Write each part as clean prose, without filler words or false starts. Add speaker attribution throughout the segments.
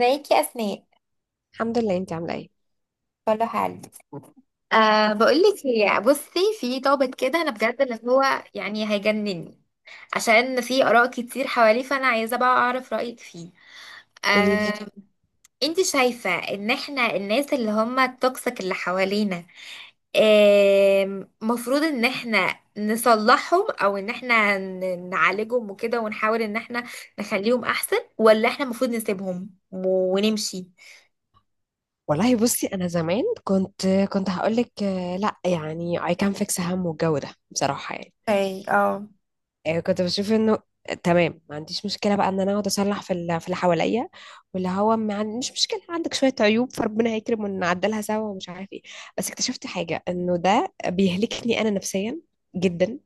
Speaker 1: ازيك يا اسماء؟
Speaker 2: الحمد لله، انت عامله ايه؟
Speaker 1: كله حال. بقولك، هي بصي، في ضابط كده انا بجد اللي هو يعني هيجنني، عشان في اراء كتير حواليه، فانا عايزه بقى اعرف رايك فيه.
Speaker 2: قولي
Speaker 1: أه،
Speaker 2: لي.
Speaker 1: انت شايفه ان احنا الناس اللي هم التوكسيك اللي حوالينا، مفروض ان احنا نصلحهم او ان احنا نعالجهم وكده، ونحاول ان احنا نخليهم احسن، ولا احنا المفروض نسيبهم ونمشي؟
Speaker 2: والله بصي، انا زمان كنت هقول لك لا، يعني I can fix هم والجو ده بصراحه، يعني.
Speaker 1: اي اه.
Speaker 2: كنت بشوف انه تمام. ما عنديش مشكله بقى ان انا اقعد اصلح في اللي حواليا، واللي هو ما عن- مش مشكله عندك شويه عيوب، فربنا هيكرم ونعدلها سوا ومش عارف ايه. بس اكتشفت حاجه انه ده بيهلكني انا نفسيا جدا،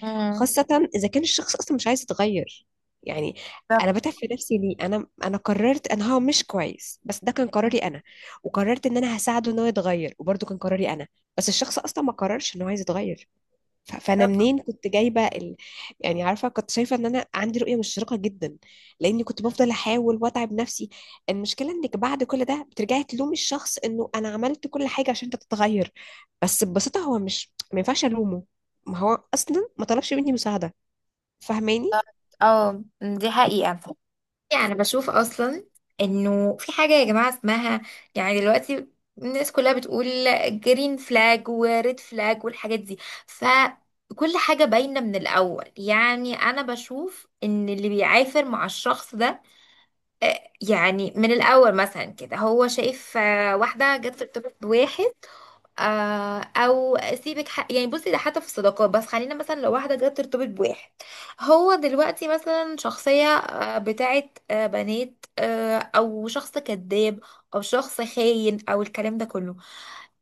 Speaker 1: امم.
Speaker 2: خاصة إذا كان الشخص أصلا مش عايز يتغير، يعني. أنا
Speaker 1: بالظبط.
Speaker 2: بتعب في نفسي ليه؟ أنا قررت إن هو مش كويس، بس ده كان قراري أنا، وقررت إن أنا هساعده إن هو يتغير، وبرضه كان قراري أنا، بس الشخص أصلا ما قررش إن هو عايز يتغير. فانا
Speaker 1: طبعا.
Speaker 2: منين كنت جايبه. يعني عارفه، كنت شايفه ان انا عندي رؤيه مشرقه جدا لاني كنت بفضل احاول واتعب نفسي. المشكله انك بعد كل ده بترجعي تلومي الشخص انه انا عملت كل حاجه عشان انت تتغير، بس ببساطه هو مش ما ينفعش الومه، ما هو اصلا ما طلبش مني مساعده. فاهماني؟
Speaker 1: اه، دي حقيقة. يعني بشوف اصلا انه في حاجة يا جماعة اسمها، يعني دلوقتي الناس كلها بتقول جرين فلاج وريد فلاج والحاجات دي، فكل حاجة باينة من الاول. يعني انا بشوف ان اللي بيعافر مع الشخص ده، يعني من الاول مثلا كده هو شايف، واحدة جت في ارتباط بواحد، يعني بصي ده حتى في الصداقات، بس خلينا مثلا لو واحده جت ترتبط بواحد. هو دلوقتي مثلا شخصيه بتاعت بنات، او شخص كذاب، او شخص خاين، او الكلام ده كله.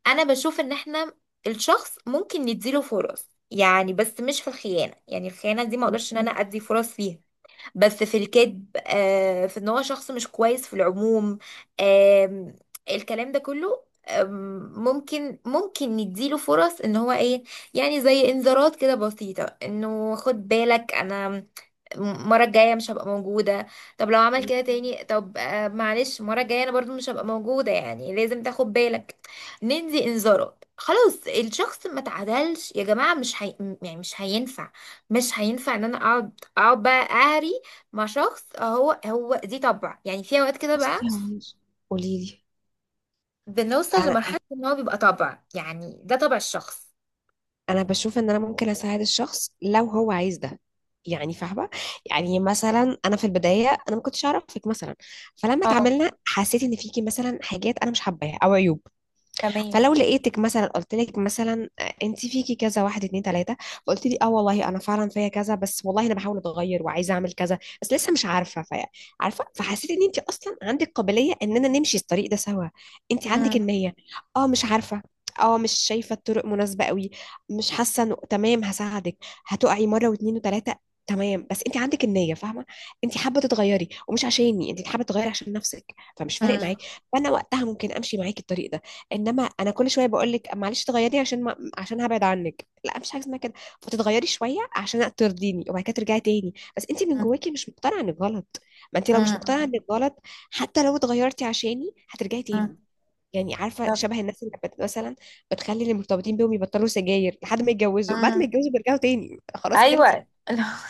Speaker 1: انا بشوف ان احنا الشخص ممكن نديله فرص، يعني بس مش في الخيانه، يعني الخيانه دي ما اقدرش ان انا ادي فرص فيها. بس في الكذب، في ان هو شخص مش كويس في العموم، آم، الكلام ده كله، ممكن نديله فرص، ان هو ايه، يعني زي انذارات كده بسيطة، انه خد بالك انا المرة الجاية مش هبقى موجودة. طب لو عمل كده تاني، طب معلش المرة الجاية انا برضو مش هبقى موجودة، يعني لازم تاخد بالك. ندي انذارات، خلاص الشخص ما تعدلش يا جماعة، مش هي... يعني مش هينفع، مش هينفع ان انا اقعد بقى اهري مع شخص، هو دي طبع، يعني في اوقات كده بقى
Speaker 2: بصي هو مش قولي لي.
Speaker 1: بنوصل
Speaker 2: انا
Speaker 1: لمرحلة ان هو بيبقى طبع، يعني ده طبع الشخص.
Speaker 2: انا بشوف ان انا ممكن اساعد الشخص لو هو عايز ده، يعني فاهمه. يعني مثلا انا في البدايه انا ما كنتش اعرفك مثلا، فلما
Speaker 1: اه.
Speaker 2: اتعاملنا حسيت ان فيكي مثلا حاجات انا مش حباها او عيوب.
Speaker 1: تمام.
Speaker 2: فلو لقيتك مثلا قلت لك مثلا انت فيكي كذا واحد اتنين تلاته، فقلت لي اه والله انا فعلا فيا كذا، بس والله انا بحاول اتغير وعايزه اعمل كذا، بس لسه مش عارفه فيا عارفه. فحسيت ان انت اصلا عندك قابليه اننا نمشي الطريق ده سوا، انت عندك
Speaker 1: مم.
Speaker 2: النيه. اه مش عارفه، اه مش شايفه الطرق مناسبه قوي، مش حاسه انه تمام. هساعدك، هتقعي مره واتنين وتلاته، تمام. بس انت عندك النيه، فاهمه. انت حابه تتغيري، ومش عشاني انت حابه تتغيري، عشان نفسك، فمش فارق
Speaker 1: مم.
Speaker 2: معاكي. فانا وقتها ممكن امشي معاكي الطريق ده. انما انا كل شويه بقول لك معلش تغيري عشان ما... عشان هبعد عنك، لا، مفيش حاجه اسمها كده. فتتغيري شويه عشان ترضيني، وبعد كده ترجعي تاني، بس انت من
Speaker 1: مم.
Speaker 2: جواكي مش مقتنعه انك غلط. ما انت لو مش مقتنعه
Speaker 1: مم.
Speaker 2: انك غلط، حتى لو اتغيرتي عشاني هترجعي
Speaker 1: مم.
Speaker 2: تاني. يعني عارفه،
Speaker 1: طب.
Speaker 2: شبه الناس اللي مثلا بتخلي اللي مرتبطين بيهم يبطلوا سجاير لحد ما يتجوزوا، بعد ما
Speaker 1: مم.
Speaker 2: يتجوزوا بيرجعوا تاني، خلاص خلصت.
Speaker 1: ايوه.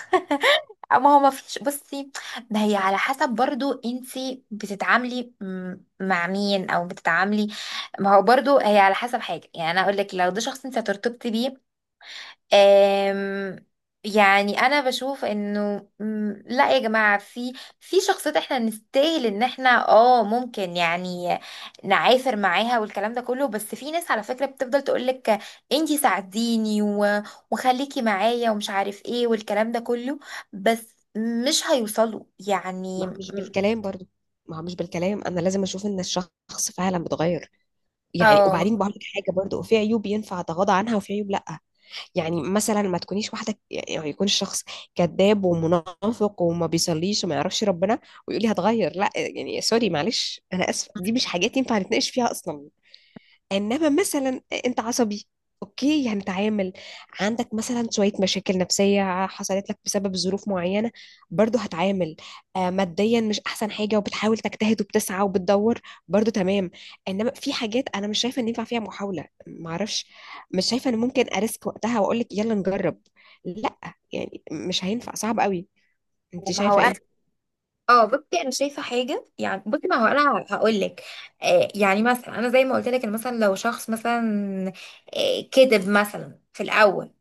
Speaker 1: ما هو ما فيش، بصي، ده هي على حسب برضو انتي بتتعاملي مع مين، او بتتعاملي. ما هو برضو هي على حسب حاجه، يعني انا اقول لك لو ده شخص انت هترتبطي بيه، آم، يعني انا بشوف انه لا يا جماعه، في شخصيات احنا نستاهل ان احنا اه ممكن يعني نعافر معاها والكلام ده كله. بس في ناس على فكره بتفضل تقولك انتي ساعديني، وخليكي معايا ومش عارف ايه والكلام ده كله، بس مش هيوصلوا يعني
Speaker 2: ما هو مش بالكلام برضو، ما هو مش بالكلام، انا لازم اشوف ان الشخص فعلا بيتغير. يعني
Speaker 1: اه.
Speaker 2: وبعدين بقول لك حاجه برضو، في عيوب ينفع اتغاضى عنها وفي عيوب لا. يعني مثلا ما تكونيش واحده، يعني يكون الشخص كذاب ومنافق وما بيصليش وما يعرفش ربنا، ويقول لي هتغير، لا يعني سوري معلش انا اسفه، دي مش حاجات ينفع نتناقش فيها اصلا. انما مثلا انت عصبي، اوكي هنتعامل. عندك مثلا شويه مشاكل نفسيه حصلت لك بسبب ظروف معينه، برضو هتعامل. ماديا مش احسن حاجه وبتحاول تجتهد وبتسعى وبتدور، برضو تمام. انما في حاجات انا مش شايفه ان ينفع فيها محاوله، معرفش، مش شايفه ان ممكن اريسك وقتها واقول لك يلا نجرب، لا، يعني مش هينفع، صعب قوي. انت
Speaker 1: ما هو
Speaker 2: شايفه
Speaker 1: انا،
Speaker 2: ايه؟
Speaker 1: اه بصي، انا شايفه حاجه، يعني بصي ما هو انا هقول لك، يعني مثلا انا زي ما قلت لك، إن مثلا لو شخص مثلا كذب مثلا في الاول،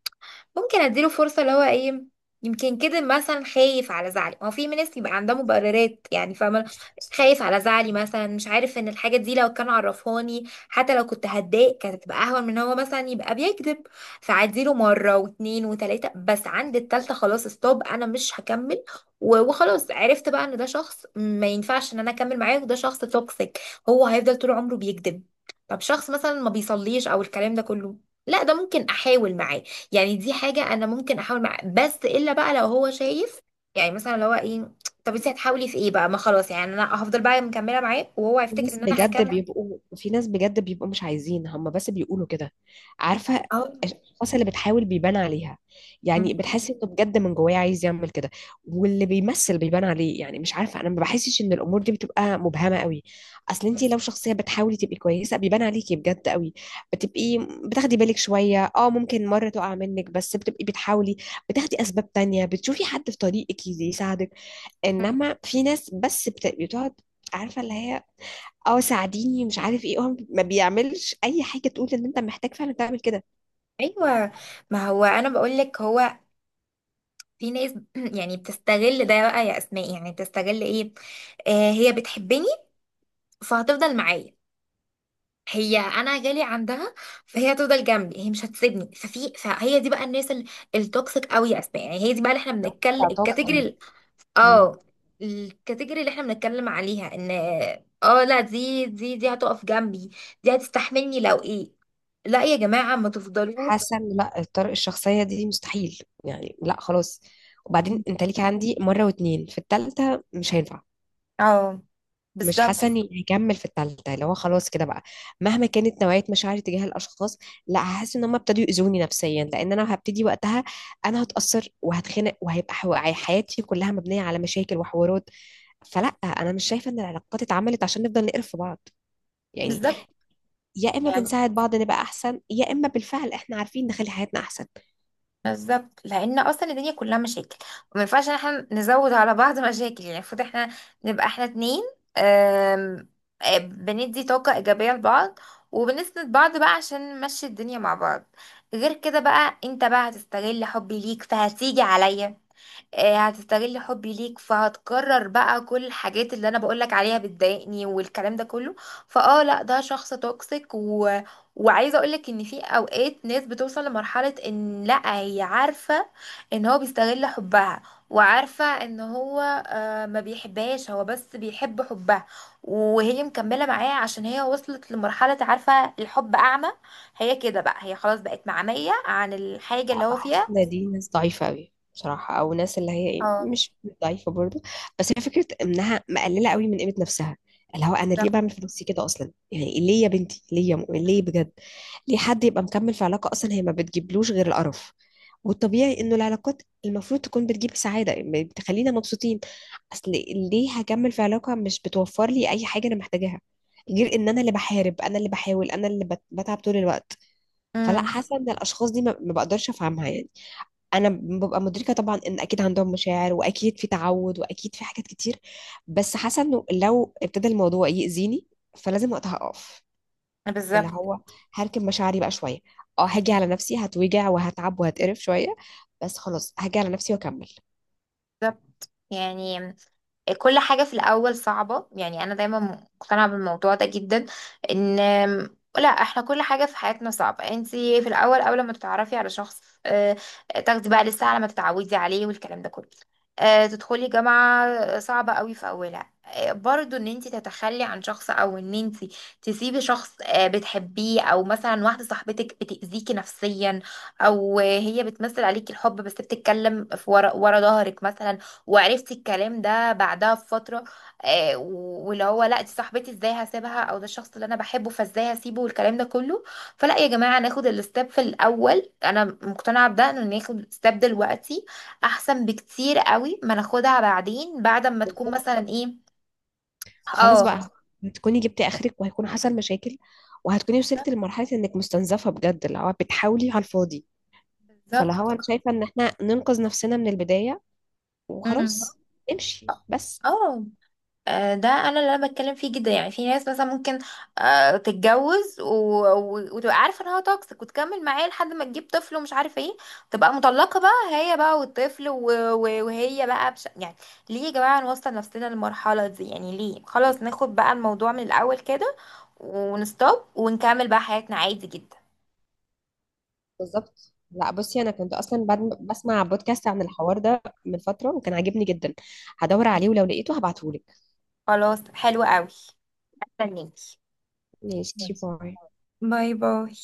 Speaker 1: ممكن اديله فرصة، اللي هو ايه، يمكن كده مثلا خايف على زعلي، ما هو في ناس يبقى عندها مبررات، يعني فاهمة، خايف على زعلي، مثلا مش عارف ان الحاجة دي لو كان عرفهاني حتى لو كنت هتضايق كانت هتبقى اهون من إن هو مثلا يبقى بيكذب. فعديله مرة واتنين وتلاتة، بس عند التالتة خلاص ستوب، انا مش هكمل، وخلاص عرفت بقى ان ده شخص ما ينفعش ان انا اكمل معاه، وده شخص توكسيك، هو هيفضل طول عمره بيكذب. طب شخص مثلا ما بيصليش او الكلام ده كله، لا ده ممكن احاول معاه، يعني دي حاجة أنا ممكن أحاول معاه، بس إلا بقى لو هو شايف، يعني مثلا لو هو إيه، طب أنت هتحاولي في إيه بقى؟ ما خلاص، يعني أنا هفضل بقى مكملة معاه وهو
Speaker 2: في
Speaker 1: هيفتكر
Speaker 2: ناس
Speaker 1: إن أنا
Speaker 2: بجد
Speaker 1: هكمل.
Speaker 2: بيبقوا، في ناس بجد بيبقوا مش عايزين هم بس بيقولوا كده، عارفة.
Speaker 1: أهو.
Speaker 2: الأشخاص اللي بتحاول بيبان عليها،
Speaker 1: م-
Speaker 2: يعني بتحس إنه بجد من جواه عايز يعمل كده، واللي بيمثل بيبان عليه. يعني مش عارفة، أنا ما بحسش إن الأمور دي بتبقى مبهمة قوي. أصل
Speaker 1: م-
Speaker 2: أنت لو شخصية بتحاولي تبقي كويسة بيبان عليكي بجد قوي، بتبقي بتاخدي بالك شوية، أه ممكن مرة تقع منك بس بتبقي بتحاولي، بتاخدي أسباب تانية، بتشوفي حد في طريقك يساعدك.
Speaker 1: م.
Speaker 2: إنما في ناس بس بتقعد، عارفة، اللي هي اه ساعديني مش عارف ايه، هو ما بيعملش اي حاجه تقول ان انت محتاج فعلا تعمل كده.
Speaker 1: أيوه. ما هو أنا بقول لك هو، في ناس يعني بتستغل ده بقى يا أسماء، يعني بتستغل إيه، آه هي بتحبني فهتفضل معايا، هي انا جالي عندها فهي هتفضل جنبي، هي مش هتسيبني. فهي دي بقى الناس التوكسيك قوي يا اسماء، يعني هي دي بقى اللي احنا بنتكلم
Speaker 2: استعطاف عندي.
Speaker 1: الكاتيجوري.
Speaker 2: مم.
Speaker 1: اه. الكاتيجوري اللي احنا بنتكلم عليها ان، اه لا، دي هتقف جنبي، دي هتستحملني لو ايه، لا يا جماعة ما تفضلوا.
Speaker 2: حاسه ان لا، الطرق الشخصيه دي مستحيل، يعني لا خلاص. وبعدين انت ليك عندي مره واتنين، في التالتة مش هينفع.
Speaker 1: اه.
Speaker 2: مش حاسه
Speaker 1: بالظبط.
Speaker 2: اني هكمل في التالتة، اللي هو خلاص كده بقى، مهما كانت نوعيه مشاعري تجاه الاشخاص، لا، هحس ان هم ابتدوا يؤذوني نفسيا. لان انا هبتدي وقتها انا هتاثر وهتخنق وهيبقى حياتي كلها مبنيه على مشاكل وحوارات. فلا، انا مش شايفه ان العلاقات اتعملت عشان نفضل نقرف في بعض، يعني
Speaker 1: بالظبط.
Speaker 2: يا اما
Speaker 1: يعني
Speaker 2: بنساعد بعض نبقى احسن، يا اما بالفعل احنا عارفين نخلي حياتنا احسن.
Speaker 1: بالظبط، لان اصلا الدنيا كلها مشاكل، وما ينفعش ان احنا نزود على بعض مشاكل، يعني المفروض احنا نبقى احنا اتنين، آم، بندي طاقة ايجابية لبعض، وبنسند بعض بقى عشان نمشي الدنيا مع بعض. غير كده بقى انت بقى هتستغل حبي ليك فهتيجي عليا، هتستغل حبي ليك فهتكرر بقى كل الحاجات اللي انا بقولك عليها بتضايقني والكلام ده كله. فاه لا ده شخص توكسيك وعايزه اقولك ان في اوقات ناس بتوصل لمرحله، ان لا هي عارفه ان هو بيستغل حبها، وعارفه ان هو ما بيحبهاش، هو بس بيحب حبها، وهي مكمله معاه عشان هي وصلت لمرحله، عارفه الحب اعمى، هي كده بقى هي خلاص بقت معميه عن الحاجه اللي
Speaker 2: لا،
Speaker 1: هو
Speaker 2: بحس
Speaker 1: فيها.
Speaker 2: ان دي ناس ضعيفة قوي بصراحة، او ناس اللي هي
Speaker 1: اه.
Speaker 2: مش ضعيفة برضو، بس هي فكرة انها مقللة قوي من قيمة نفسها، اللي هو انا ليه
Speaker 1: بالظبط.
Speaker 2: بعمل في نفسي كده اصلا، يعني ليه يا بنتي، ليه يا مؤمن، ليه بجد؟ ليه حد يبقى مكمل في علاقة اصلا هي ما بتجيبلوش غير القرف؟ والطبيعي انه العلاقات المفروض تكون بتجيب سعادة، يعني بتخلينا مبسوطين. اصل ليه هكمل في علاقة مش بتوفر لي اي حاجة انا محتاجاها، غير ان انا اللي بحارب، انا اللي بحاول، انا اللي بتعب طول الوقت. فلا،
Speaker 1: مم.
Speaker 2: حاسه ان الاشخاص دي ما بقدرش افهمها، يعني انا ببقى مدركه طبعا ان اكيد عندهم مشاعر واكيد في تعود واكيد في حاجات كتير، بس حاسه انه لو ابتدى الموضوع يأذيني فلازم وقتها اقف، اللي
Speaker 1: بالظبط.
Speaker 2: هو هركب مشاعري بقى شويه، اه هاجي على نفسي، هتوجع وهتعب وهتقرف شويه، بس خلاص هاجي على نفسي واكمل.
Speaker 1: بالظبط. يعني كل حاجة في الأول صعبة، يعني أنا دايما مقتنعة بالموضوع ده جدا، إن لا احنا كل حاجة في حياتنا صعبة. انتي في الأول أول ما تتعرفي على شخص، تاخدي بقى لسه على ما تتعودي عليه والكلام ده كله، تدخلي جامعة صعبة قوي في أولها، برضو ان انتي تتخلي عن شخص، او ان انتي تسيبي شخص بتحبيه، او مثلا واحدة صاحبتك بتأذيكي نفسيا، او هي بتمثل عليكي الحب بس بتتكلم في ورا ورا ظهرك مثلا، وعرفت الكلام ده بعدها بفترة، واللي هو لا دي صاحبتي ازاي هسيبها، او ده الشخص اللي انا بحبه فازاي هسيبه والكلام ده كله. فلا يا جماعة ناخد الستep في الاول، انا مقتنعة بده، ان ناخد ستيب دلوقتي احسن بكتير قوي ما ناخدها بعدين بعد ما تكون
Speaker 2: بالظبط
Speaker 1: مثلا ايه.
Speaker 2: خلاص بقى،
Speaker 1: اه.
Speaker 2: هتكوني جبتي اخرك وهيكون حصل مشاكل، وهتكوني وصلت لمرحله انك مستنزفه بجد، اللي هو بتحاولي على الفاضي. فاللي
Speaker 1: بالظبط.
Speaker 2: هو انا شايفه ان احنا ننقذ نفسنا من البدايه
Speaker 1: امم.
Speaker 2: وخلاص، امشي بس.
Speaker 1: اه، ده انا اللي انا بتكلم فيه جدا، يعني في ناس مثلا ممكن تتجوز، وتبقى عارفه ان هو توكسيك، وتكمل معاه لحد ما تجيب طفل ومش عارف ايه، تبقى مطلقه بقى هي بقى والطفل، وهي بقى يعني ليه يا جماعه نوصل نفسنا للمرحله دي؟ يعني ليه؟ خلاص ناخد بقى الموضوع من الاول كده، ونستوب ونكمل بقى حياتنا عادي جدا.
Speaker 2: بالظبط، لا بصي، انا كنت اصلا بعد بسمع بودكاست عن الحوار ده من فتره وكان عاجبني جدا، هدور عليه ولو لقيته هبعتهولك.
Speaker 1: خلاص حلو قوي. استنيكي.
Speaker 2: ماشي،
Speaker 1: بس.
Speaker 2: باي.
Speaker 1: باي باي.